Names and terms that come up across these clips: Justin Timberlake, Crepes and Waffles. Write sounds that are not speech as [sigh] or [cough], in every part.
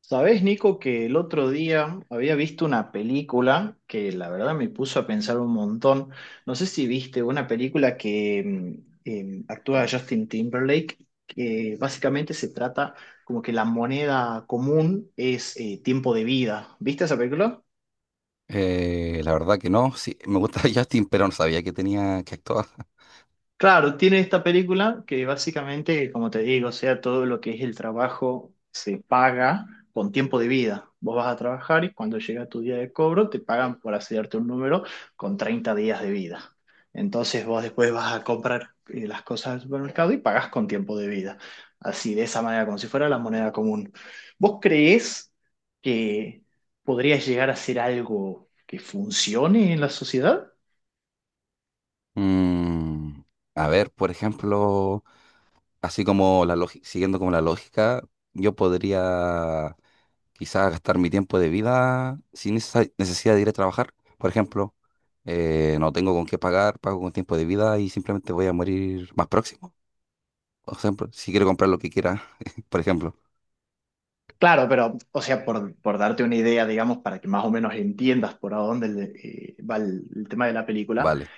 Sabés, Nico, que el otro día había visto una película que la verdad me puso a pensar un montón. No sé si viste una película que actúa Justin Timberlake, que básicamente se trata como que la moneda común es tiempo de vida. ¿Viste esa película? La verdad que no, sí, me gusta [laughs] Justin, pero no sabía que tenía que actuar. Claro, tiene esta película que básicamente, como te digo, o sea, todo lo que es el trabajo se paga con tiempo de vida. Vos vas a trabajar y cuando llega tu día de cobro te pagan por hacerte un número con 30 días de vida. Entonces vos después vas a comprar las cosas al supermercado y pagás con tiempo de vida. Así, de esa manera, como si fuera la moneda común. ¿Vos creés que podrías llegar a ser algo que funcione en la sociedad? Mm, a ver, por ejemplo, así como la lógica, siguiendo como la lógica, yo podría quizás gastar mi tiempo de vida sin esa necesidad de ir a trabajar. Por ejemplo, no tengo con qué pagar, pago con tiempo de vida y simplemente voy a morir más próximo. Por ejemplo, si quiero comprar lo que quiera, [laughs] por ejemplo, Claro, pero, o sea, por darte una idea, digamos, para que más o menos entiendas por a dónde va el tema de la película, vale.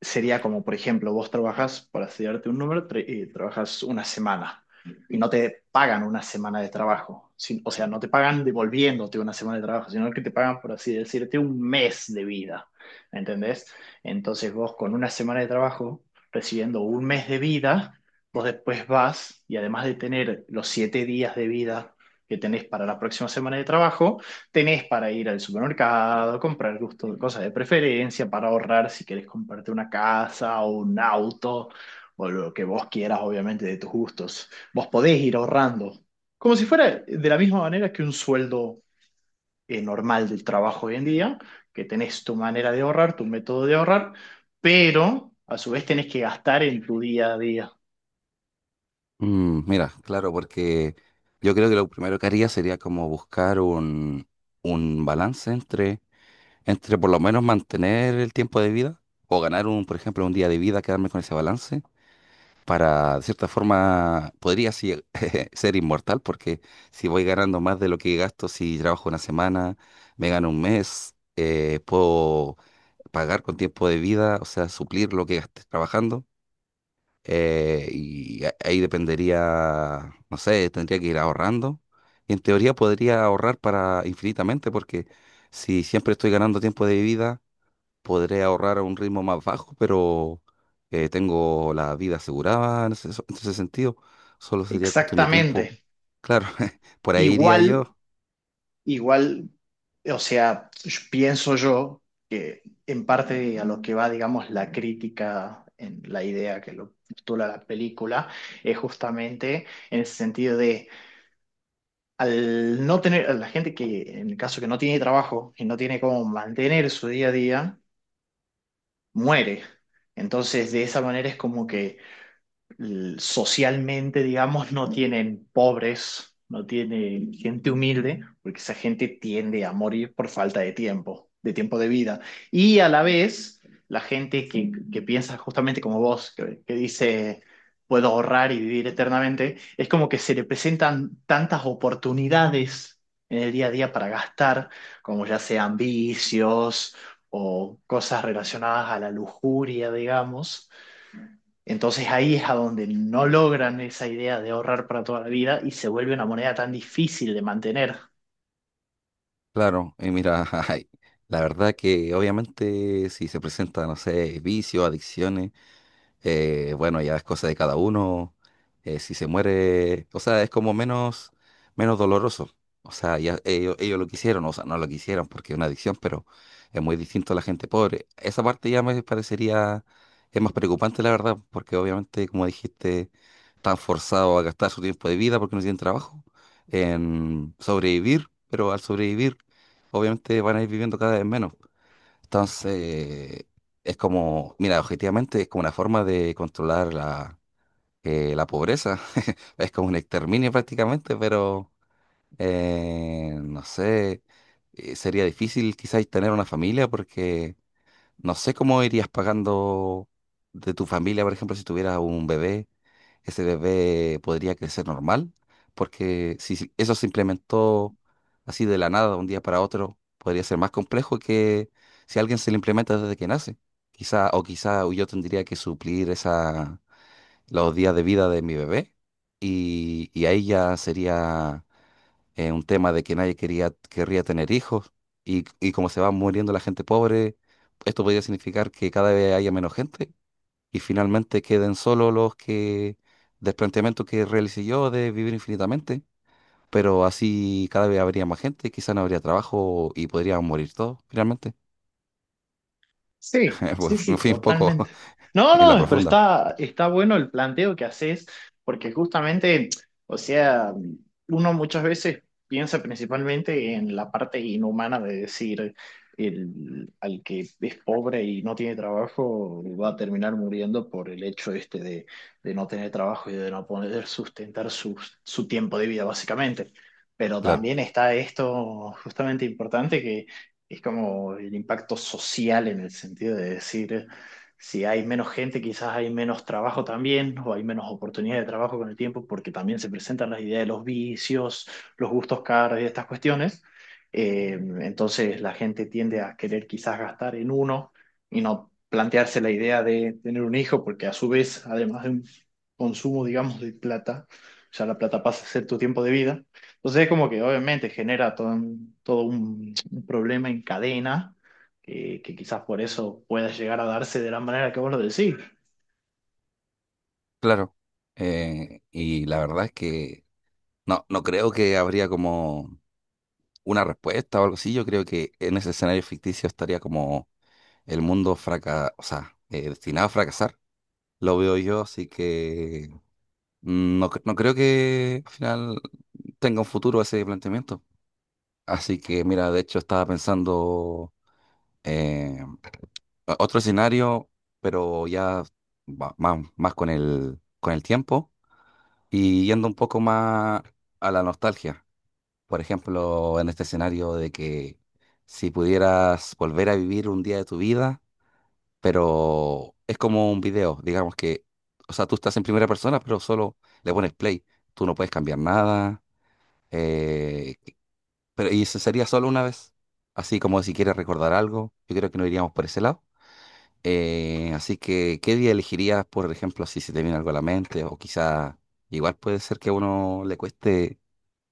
sería como, por ejemplo, vos trabajas, para estudiarte un número, trabajas una semana y no te pagan una semana de trabajo. O sea, no te pagan devolviéndote una semana de trabajo, sino que te pagan, por así decirte, un mes de vida. ¿Entendés? Entonces vos con una semana de trabajo, recibiendo un mes de vida, vos después vas y además de tener los 7 días de vida que tenés para la próxima semana de trabajo, tenés para ir al supermercado, comprar gusto, cosas de preferencia, para ahorrar si querés comprarte una casa o un auto o lo que vos quieras, obviamente, de tus gustos. Vos podés ir ahorrando, como si fuera de la misma manera que un sueldo normal del trabajo hoy en día, que tenés tu manera de ahorrar, tu método de ahorrar, pero a su vez tenés que gastar en tu día a día. Mm, mira, claro, porque yo creo que lo primero que haría sería como buscar un balance entre por lo menos mantener el tiempo de vida o ganar un, por ejemplo, un día de vida, quedarme con ese balance para, de cierta forma, podría sí, [laughs] ser inmortal porque si voy ganando más de lo que gasto, si trabajo 1 semana, me gano 1 mes, puedo pagar con tiempo de vida, o sea, suplir lo que gasté trabajando y ahí dependería, no sé, tendría que ir ahorrando. Y en teoría podría ahorrar para infinitamente, porque si siempre estoy ganando tiempo de vida, podré ahorrar a un ritmo más bajo, pero tengo la vida asegurada en ese sentido. Solo sería cuestión de Exactamente. tiempo. Claro, [laughs] por ahí iría Igual yo. Igual, o sea, pienso yo que en parte a lo que va, digamos, la crítica en la idea que lo postula la película es justamente en el sentido de al no tener, a la gente que en el caso que no tiene trabajo y no tiene cómo mantener su día a día, muere. Entonces, de esa manera es como que socialmente, digamos, no tienen pobres, no tienen gente humilde, porque esa gente tiende a morir por falta de tiempo, de tiempo de vida. Y a la vez, la gente que piensa justamente como vos, que dice, puedo ahorrar y vivir eternamente, es como que se le presentan tantas oportunidades en el día a día para gastar, como ya sean vicios o cosas relacionadas a la lujuria, digamos, entonces ahí es a donde no logran esa idea de ahorrar para toda la vida y se vuelve una moneda tan difícil de mantener. Claro, y mira, [laughs] ay, la verdad que obviamente si se presenta, no sé, vicios, adicciones. Bueno, ya es cosa de cada uno. Eh, si se muere, o sea, es como menos doloroso. O sea, ya ellos lo quisieron, o sea, no lo quisieron porque es una adicción, pero es muy distinto a la gente pobre. Esa parte ya me parecería, es más preocupante, la verdad, porque obviamente, como dijiste, están forzados a gastar su tiempo de vida porque no tienen trabajo, en sobrevivir, pero al sobrevivir, obviamente van a ir viviendo cada vez menos. Entonces, es como, mira, objetivamente es como una forma de controlar la pobreza. [laughs] Es como un exterminio prácticamente, pero no sé, sería difícil quizás tener una familia porque no sé cómo irías pagando de tu familia, por ejemplo, si tuvieras un bebé, ese bebé podría crecer normal, porque si eso se implementó así de la nada, de un día para otro, podría ser más complejo que si a alguien se le implementa desde que nace. Quizá, o quizá yo tendría que suplir esa, los días de vida de mi bebé y ahí ya sería un tema de que nadie quería, querría tener hijos y como se va muriendo la gente pobre, esto podría significar que cada vez haya menos gente y finalmente queden solo los que, del planteamiento que realicé yo de vivir infinitamente, pero así cada vez habría más gente, quizá no habría trabajo y podrían morir todos finalmente. Sí, [laughs] sí, Pues me sí, fui un poco totalmente. [laughs] No, en la no, pero profunda, está bueno el planteo que haces, porque justamente, o sea, uno muchas veces piensa principalmente en la parte inhumana de decir, el, al que es pobre y no tiene trabajo va a terminar muriendo por el hecho este de no tener trabajo y de no poder sustentar su tiempo de vida, básicamente. Pero claro, también está esto justamente importante es como el impacto social en el sentido de decir, si hay menos gente, quizás hay menos trabajo también, o hay menos oportunidad de trabajo con el tiempo, porque también se presentan las ideas de los vicios, los gustos caros y estas cuestiones. Eh, entonces la gente tiende a querer quizás gastar en uno y no plantearse la idea de tener un hijo, porque a su vez, además de un consumo, digamos, de plata, ya la plata pasa a ser tu tiempo de vida. Entonces es como que obviamente genera todo, todo un problema en cadena, que quizás por eso pueda llegar a darse de la manera que vos lo decís. claro. Y la verdad es que no creo que habría como una respuesta o algo así, yo creo que en ese escenario ficticio estaría como el o sea, destinado a fracasar. Lo veo yo, así que no, no creo que al final tenga un futuro ese planteamiento. Así que mira, de hecho estaba pensando eh, otro escenario, pero ya más con con el tiempo y yendo un poco más a la nostalgia. Por ejemplo, en este escenario de que si pudieras volver a vivir un día de tu vida, pero es como un video, digamos que, o sea, tú estás en primera persona, pero solo le pones play, tú no puedes cambiar nada, eh, pero y eso sería solo una vez, así como si quieres recordar algo, yo creo que no iríamos por ese lado. Así que, ¿qué día elegirías, por ejemplo, si se te viene algo a la mente? O quizá, igual puede ser que a uno le cueste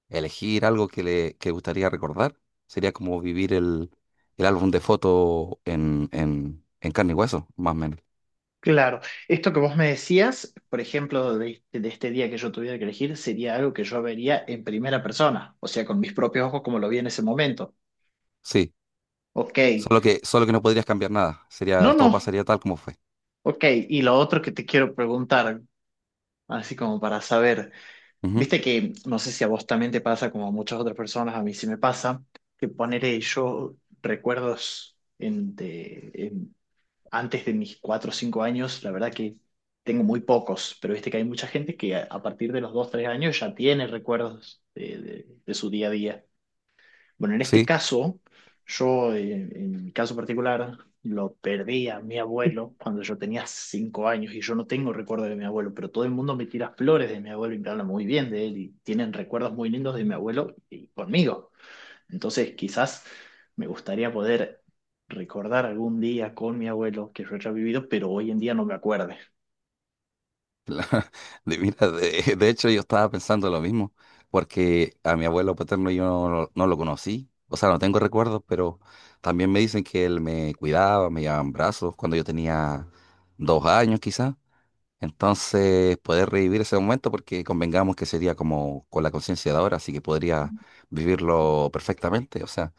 elegir algo que le que gustaría recordar. Sería como vivir el álbum de fotos en carne y hueso, más o menos. Claro, esto que vos me decías, por ejemplo, de este día que yo tuviera que elegir, sería algo que yo vería en primera persona, o sea, con mis propios ojos como lo vi en ese momento. Sí, Ok, solo que no podrías cambiar nada. no, Sería, todo no, pasaría tal como fue. ok, y lo otro que te quiero preguntar, así como para saber, Ujú, viste que no sé si a vos también te pasa como a muchas otras personas, a mí sí me pasa, que poner yo recuerdos en, antes de mis 4 o 5 años, la verdad que tengo muy pocos, pero viste que hay mucha gente que a partir de los 2, 3 años ya tiene recuerdos de su día a día. Bueno, en este sí, caso, en mi caso particular, lo perdí a mi abuelo cuando yo tenía 5 años y yo no tengo recuerdo de mi abuelo, pero todo el mundo me tira flores de mi abuelo y me habla muy bien de él y tienen recuerdos muy lindos de mi abuelo y conmigo. Entonces, quizás me gustaría poder recordar algún día con mi abuelo que yo haya vivido, pero hoy en día no me acuerde. [laughs] La- mira, de hecho yo estaba pensando lo mismo, porque a mi abuelo paterno yo no lo conocí. O sea, no tengo recuerdos, pero también me dicen que él me cuidaba, me llevaba en brazos cuando yo tenía 2 años quizás. Entonces, poder revivir ese momento, porque convengamos que sería como con la conciencia de ahora, así que podría vivirlo perfectamente, o sea,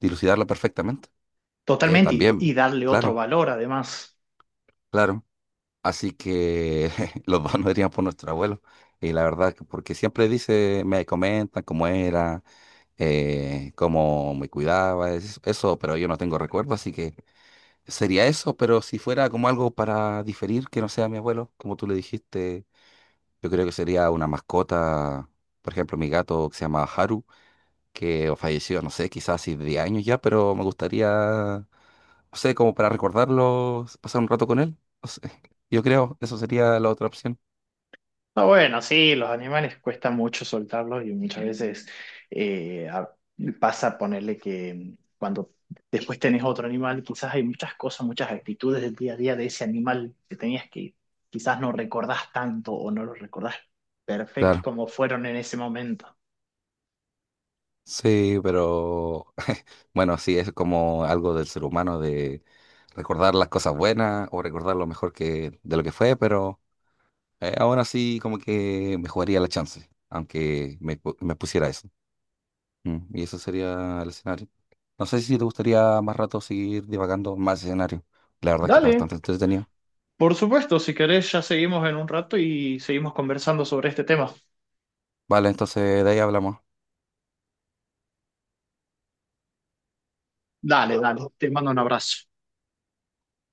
dilucidarlo perfectamente. Totalmente, y, También, y darle otro claro, valor además. claro. Así que [laughs] los dos nos dirían por nuestro abuelo. Y la verdad, porque siempre dice, me comentan cómo era, cómo me cuidaba, eso, pero yo no tengo recuerdo, así que sería eso, pero si fuera como algo para diferir, que no sea mi abuelo, como tú le dijiste. Yo creo que sería una mascota, por ejemplo, mi gato que se llama Haru, que falleció, no sé, quizás hace 10 años ya, pero me gustaría, no sé, como para recordarlo, pasar un rato con él. No sé, [laughs] yo creo, eso sería la otra opción. Ah, bueno, sí, los animales cuesta mucho soltarlos y muchas veces eh, a- pasa ponerle que cuando después tenés otro animal, quizás hay muchas cosas, muchas actitudes del día a día de ese animal que tenías que quizás no recordás tanto o no los recordás perfectos Claro, como fueron en ese momento. sí, pero [laughs] bueno, sí, es como algo del ser humano de recordar las cosas buenas o recordar lo mejor que de lo que fue, pero aún así como que me jugaría la chance, aunque me pusiera eso. Mm, y eso sería el escenario. No sé si te gustaría más rato seguir divagando más escenarios. La verdad es que está Dale, bastante entretenido. por supuesto, si querés, ya seguimos en un rato y seguimos conversando sobre este tema. Vale, entonces de ahí hablamos. Dale, dale, te mando un abrazo.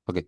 Ok.